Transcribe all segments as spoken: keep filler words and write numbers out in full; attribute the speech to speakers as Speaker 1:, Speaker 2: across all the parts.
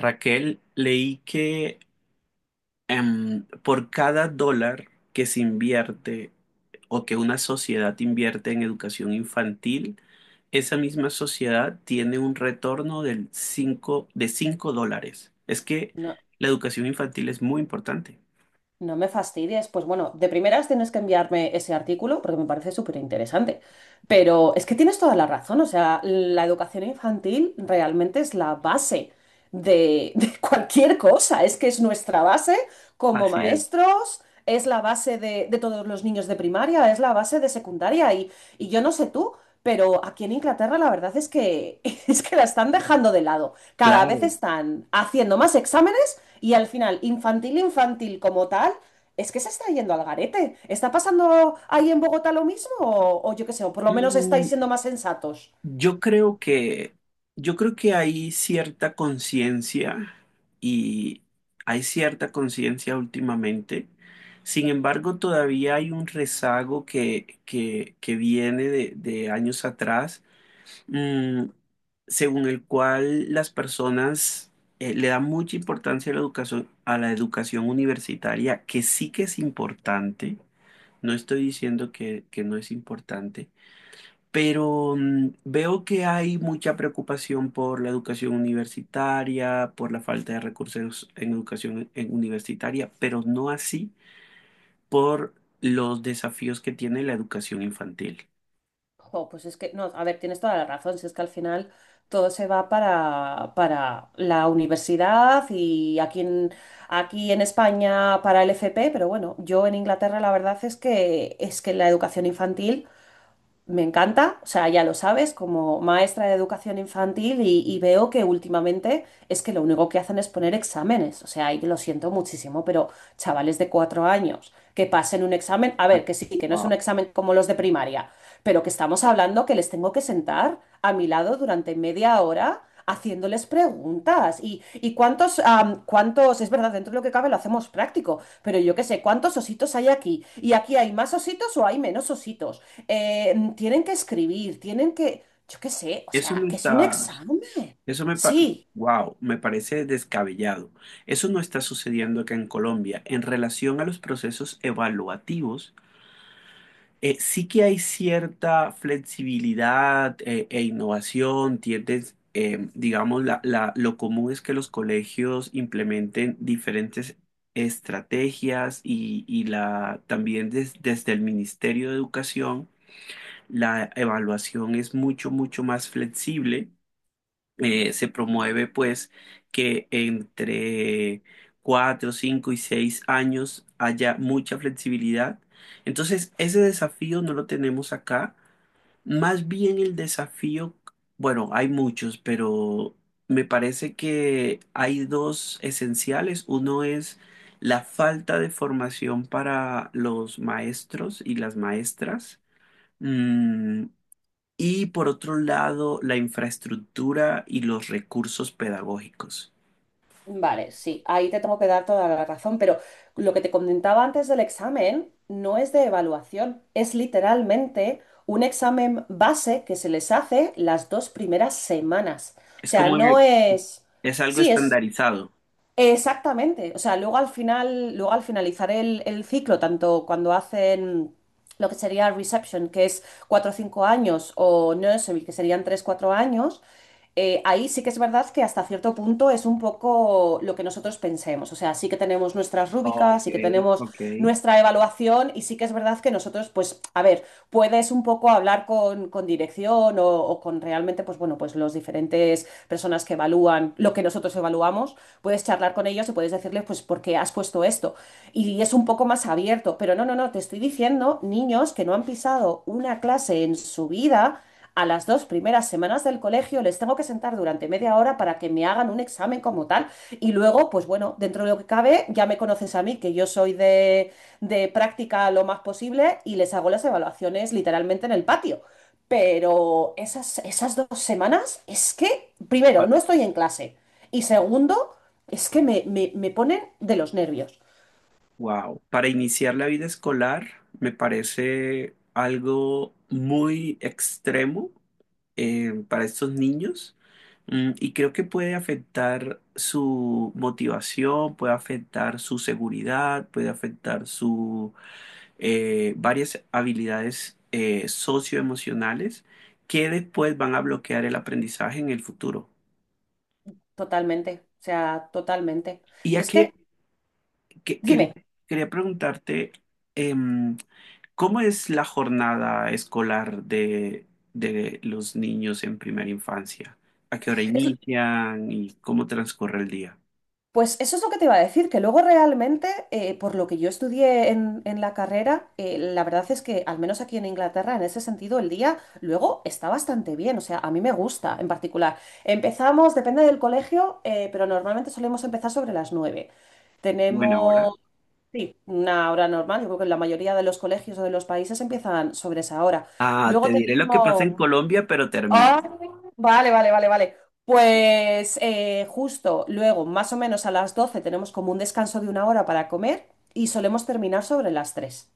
Speaker 1: Raquel, leí que em, por cada dólar que se invierte o que una sociedad invierte en educación infantil, esa misma sociedad tiene un retorno del cinco- de cinco dólares. Es que
Speaker 2: No,
Speaker 1: la educación infantil es muy importante.
Speaker 2: no me fastidies. Pues bueno, de primeras tienes que enviarme ese artículo porque me parece súper interesante. Pero es que tienes toda la razón. O sea, la educación infantil realmente es la base de, de cualquier cosa. Es que es nuestra base como
Speaker 1: Así es.
Speaker 2: maestros, es la base de, de todos los niños de primaria, es la base de secundaria. Y, y yo no sé tú. Pero aquí en Inglaterra la verdad es que es que la están dejando de lado. Cada vez
Speaker 1: Claro.
Speaker 2: están haciendo más exámenes y al final, infantil, infantil como tal, es que se está yendo al garete. ¿Está pasando ahí en Bogotá lo mismo? O, o yo qué sé, o por lo menos estáis
Speaker 1: Mm,
Speaker 2: siendo más sensatos.
Speaker 1: Yo creo que, yo creo que hay cierta conciencia y hay cierta conciencia últimamente. Sin embargo, todavía hay un rezago que, que, que viene de, de años atrás, mm, según el cual las personas eh, le dan mucha importancia a la educación, a la educación universitaria, que sí que es importante. No estoy diciendo que, que no es importante, pero mm, veo que hay mucha preocupación por la educación universitaria, por la falta de recursos en educación en- universitaria, pero no así por los desafíos que tiene la educación infantil.
Speaker 2: Jo, pues es que, no, a ver, tienes toda la razón, si es que al final todo se va para, para la universidad y aquí en, aquí en España para el F P, pero bueno, yo en Inglaterra la verdad es que, es que la educación infantil me encanta, o sea, ya lo sabes, como maestra de educación infantil y, y veo que últimamente es que lo único que hacen es poner exámenes, o sea, y lo siento muchísimo, pero chavales de cuatro años que pasen un examen, a
Speaker 1: Ay,
Speaker 2: ver, que sí, que no es un
Speaker 1: wow.
Speaker 2: examen como los de primaria, pero que estamos hablando que les tengo que sentar a mi lado durante media hora haciéndoles preguntas. Y, y cuántos, am, cuántos, es verdad, dentro de lo que cabe lo hacemos práctico, pero yo qué sé, ¿cuántos ositos hay aquí? ¿Y aquí hay más ositos o hay menos ositos? Eh, mm, tienen que escribir, tienen que, yo qué sé, o
Speaker 1: Eso no
Speaker 2: sea, que es un
Speaker 1: está,
Speaker 2: examen.
Speaker 1: eso me,
Speaker 2: Sí.
Speaker 1: wow, me parece descabellado. Eso no está sucediendo acá en Colombia en relación a los procesos evaluativos. Eh, sí que hay cierta flexibilidad eh, e innovación, tiendes, eh, digamos, la- la- lo común es que los colegios implementen diferentes estrategias y, y la, también des- desde el Ministerio de Educación la evaluación es mucho, mucho más flexible. Eh, se promueve pues que entre cuatro, cinco y seis años haya mucha flexibilidad. Entonces, ese desafío no lo tenemos acá. Más bien el desafío, bueno, hay muchos, pero me parece que hay dos esenciales. Uno es la falta de formación para los maestros y las maestras. Mm, y por otro lado, la infraestructura y los recursos pedagógicos.
Speaker 2: Vale, sí, ahí te tengo que dar toda la razón, pero lo que te comentaba antes del examen no es de evaluación, es literalmente un examen base que se les hace las dos primeras semanas. O
Speaker 1: Es
Speaker 2: sea,
Speaker 1: como
Speaker 2: no
Speaker 1: que
Speaker 2: es...
Speaker 1: es algo
Speaker 2: Sí, es...
Speaker 1: estandarizado.
Speaker 2: Exactamente. O sea, luego al final, luego al finalizar el, el ciclo, tanto cuando hacen lo que sería reception, que es cuatro o cinco años, o nursery, que serían tres cuatro años, eh, ahí sí que es verdad que hasta cierto punto es un poco lo que nosotros pensemos. O sea, sí que tenemos nuestras rúbricas,
Speaker 1: Ok,
Speaker 2: sí que tenemos
Speaker 1: ok.
Speaker 2: nuestra evaluación y sí que es verdad que nosotros, pues, a ver, puedes un poco hablar con, con dirección o, o con realmente, pues bueno, pues los diferentes personas que evalúan lo que nosotros evaluamos puedes charlar con ellos y puedes decirles, pues, ¿por qué has puesto esto? Y es un poco más abierto, pero no, no, no, te estoy diciendo niños que no han pisado una clase en su vida. A las dos primeras semanas del colegio les tengo que sentar durante media hora para que me hagan un examen como tal. Y luego, pues bueno, dentro de lo que cabe, ya me conoces a mí, que yo soy de, de práctica lo más posible y les hago las evaluaciones literalmente en el patio. Pero esas, esas dos semanas es que, primero, no estoy en clase. Y segundo, es que me, me- me ponen de los nervios.
Speaker 1: Wow. Para iniciar la vida escolar me parece algo muy extremo eh, para estos niños. Mm, y creo que puede afectar su motivación, puede afectar su seguridad, puede afectar su eh, varias habilidades eh, socioemocionales que después van a bloquear el aprendizaje en el futuro.
Speaker 2: Totalmente, o sea, totalmente.
Speaker 1: Y
Speaker 2: Pero
Speaker 1: ya
Speaker 2: es que,
Speaker 1: que, que- quería,
Speaker 2: dime,
Speaker 1: quería preguntarte, em, ¿cómo es la jornada escolar de, de los niños en primera infancia? ¿A qué hora inician y cómo transcurre el día?
Speaker 2: pues eso es lo que te iba a decir, que luego realmente, eh, por lo que yo estudié en, en la carrera, eh, la verdad es que, al menos aquí en Inglaterra, en ese sentido, el día luego está bastante bien. O sea, a mí me gusta en particular. Empezamos, depende del colegio, eh, pero normalmente solemos empezar sobre las nueve.
Speaker 1: Buena hora.
Speaker 2: Tenemos... Sí, una hora normal. Yo creo que en la mayoría de los colegios o de los países empiezan sobre esa hora.
Speaker 1: Ah,
Speaker 2: Luego
Speaker 1: te diré lo que pasa en
Speaker 2: tenemos...
Speaker 1: Colombia, pero termino.
Speaker 2: Ah, vale, vale, vale, vale. Pues eh, justo luego, más o menos a las doce tenemos como un descanso de una hora para comer y solemos terminar sobre las tres.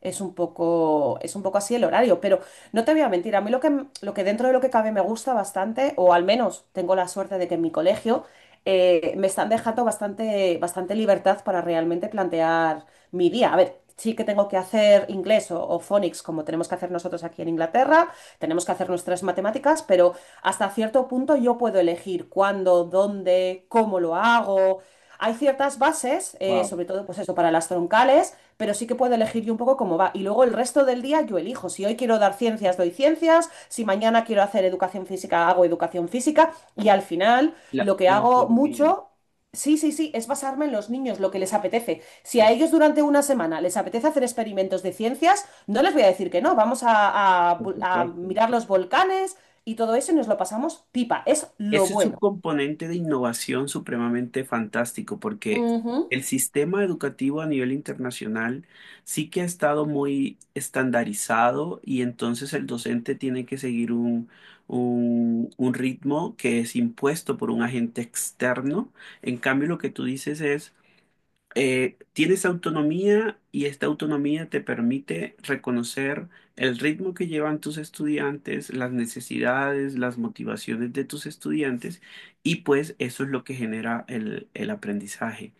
Speaker 2: Es un poco, es un poco así el horario, pero no te voy a mentir, a mí lo que, m- lo que dentro de lo que cabe me gusta bastante, o al menos tengo la suerte de que en mi colegio eh, me están dejando bastante, bastante libertad para realmente plantear mi día. A ver, sí que tengo que hacer inglés o, o phonics como tenemos que hacer nosotros aquí en Inglaterra tenemos que hacer nuestras matemáticas, pero hasta cierto punto yo puedo elegir cuándo, dónde, cómo lo hago. Hay ciertas bases, eh,
Speaker 1: Wow,
Speaker 2: sobre todo pues eso para las troncales, pero sí que puedo elegir yo un poco cómo va. Y luego el resto del día yo elijo. Si hoy quiero dar ciencias, doy ciencias. Si mañana quiero hacer educación física, hago educación física. Y al final
Speaker 1: la,
Speaker 2: lo que
Speaker 1: la
Speaker 2: hago
Speaker 1: autonomía,
Speaker 2: mucho... Sí, sí, sí, es basarme en los niños, lo que les apetece. Si a
Speaker 1: es,
Speaker 2: ellos durante una semana les apetece hacer experimentos de ciencias, no les voy a decir que no, vamos a, a
Speaker 1: por
Speaker 2: bu- a
Speaker 1: supuesto.
Speaker 2: mirar los volcanes y todo eso y nos lo pasamos pipa, es lo
Speaker 1: Eso es un
Speaker 2: bueno.
Speaker 1: componente de innovación supremamente fantástico porque
Speaker 2: Ujú.
Speaker 1: el sistema educativo a nivel internacional sí que ha estado muy estandarizado y entonces el docente tiene que seguir un, un- un ritmo que es impuesto por un agente externo. En cambio, lo que tú dices es eh, tienes autonomía y esta autonomía te permite reconocer el ritmo que llevan tus estudiantes, las necesidades, las motivaciones de tus estudiantes y pues eso es lo que genera el, el aprendizaje.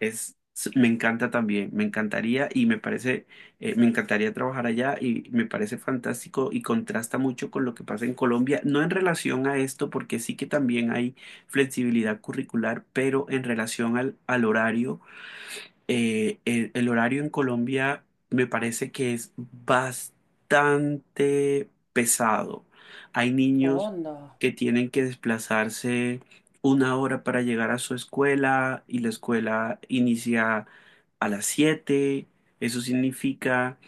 Speaker 1: Es, s- me encanta también, me encantaría y me parece, eh, me encantaría trabajar allá y me parece fantástico y contrasta mucho con lo que pasa en Colombia, no en relación a esto, porque sí que también hay flexibilidad curricular, pero en relación al al horario, eh, el, el horario en Colombia me parece que es bastante pesado. Hay niños
Speaker 2: Onda.
Speaker 1: que tienen que desplazarse una hora para llegar a su escuela y la escuela inicia a las siete. Eso significa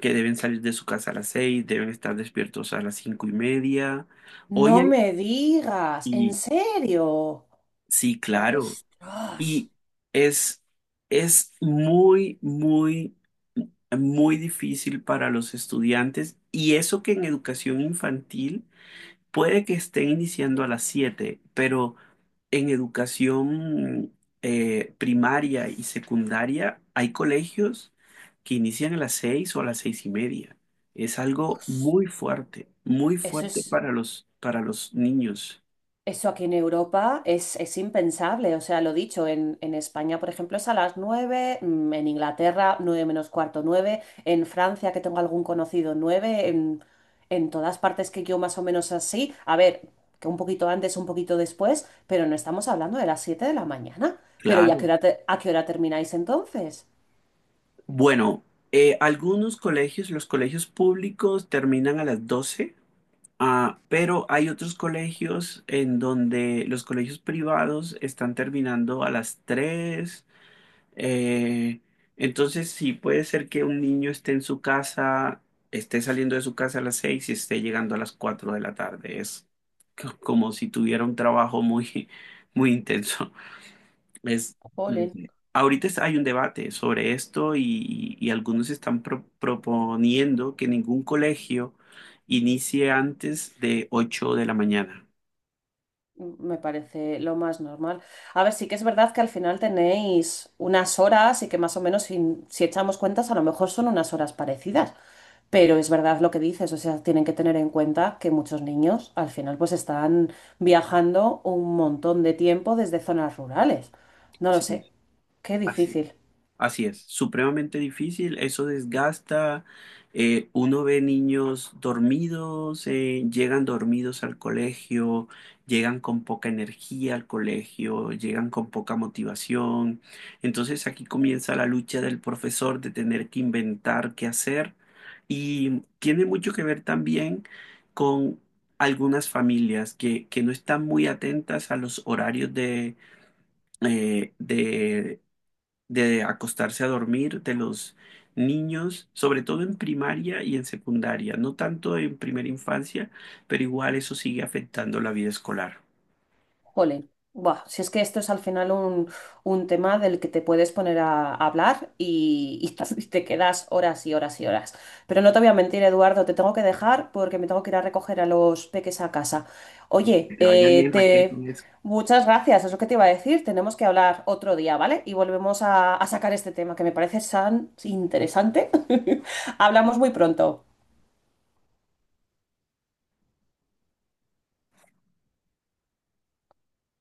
Speaker 1: que deben salir de su casa a las seis, deben estar despiertos a las cinco y media. Hoy
Speaker 2: No
Speaker 1: hay...
Speaker 2: me digas, ¿en
Speaker 1: Y
Speaker 2: serio?
Speaker 1: sí, claro.
Speaker 2: Ostras.
Speaker 1: Y es, es muy, muy, muy difícil para los estudiantes. Y eso que en educación infantil puede que estén iniciando a las siete, pero en educación eh, primaria y secundaria hay colegios que inician a las seis o a las seis y media. Es algo
Speaker 2: Os-.
Speaker 1: muy fuerte, muy
Speaker 2: Eso
Speaker 1: fuerte
Speaker 2: es...
Speaker 1: para los, para los niños.
Speaker 2: Eso aquí en Europa es, es impensable. O sea, lo dicho, en, en España, por ejemplo, es a las nueve, mm, en Inglaterra, nueve menos cuarto, nueve en Francia, que tengo algún conocido, nueve en, en todas partes que yo más o menos así. A ver, que un poquito antes, un poquito después, pero no estamos hablando de las siete de la mañana. Pero ¿y a qué
Speaker 1: Claro.
Speaker 2: hora, te- a qué hora termináis entonces?
Speaker 1: Bueno, eh, algunos colegios, los colegios públicos terminan a las doce, ah, pero hay otros colegios en donde los colegios privados están terminando a las tres. eh, entonces, sí, puede ser que un niño esté en su casa, esté saliendo de su casa a las seis y esté llegando a las cuatro de la tarde. Es co- como si tuviera un trabajo muy, muy intenso. Es, no
Speaker 2: Jolín.
Speaker 1: sé. Ahorita es- hay un debate sobre esto y, y algunos están pro- proponiendo que ningún colegio inicie antes de ocho de la mañana.
Speaker 2: Me parece lo más normal. A ver, sí que es verdad que al final tenéis unas horas y que más o menos si, si echamos cuentas a lo mejor son unas horas parecidas, pero es verdad lo que dices, o sea, tienen que tener en cuenta que muchos niños al final pues están viajando un montón de tiempo desde zonas rurales. No lo sé,
Speaker 1: Sí,
Speaker 2: qué
Speaker 1: así.
Speaker 2: difícil.
Speaker 1: Así es, supremamente difícil, eso desgasta, eh, uno ve niños dormidos, eh, llegan dormidos al colegio, llegan con poca energía al colegio, llegan con poca motivación. Entonces aquí comienza la lucha del profesor de tener que inventar qué hacer y tiene mucho que ver también con algunas familias que, que no están muy atentas a los horarios de, eh, de de acostarse a dormir de los niños, sobre todo en primaria y en secundaria, no tanto en primera infancia, pero igual eso sigue afectando la vida escolar.
Speaker 2: Jolín, buah, si es que esto es al final un, un tema del que te puedes poner a, a hablar y, y y te quedas horas y horas y horas. Pero no te voy a mentir, Eduardo, te tengo que dejar porque me tengo que ir a recoger a los peques a casa.
Speaker 1: Que
Speaker 2: Oye,
Speaker 1: te vaya
Speaker 2: eh,
Speaker 1: bien, Raquel,
Speaker 2: te...
Speaker 1: con eso.
Speaker 2: muchas gracias, es lo que te iba a decir. Tenemos que hablar otro día, ¿vale? Y volvemos a, a sacar este tema que me parece tan interesante. Hablamos muy pronto.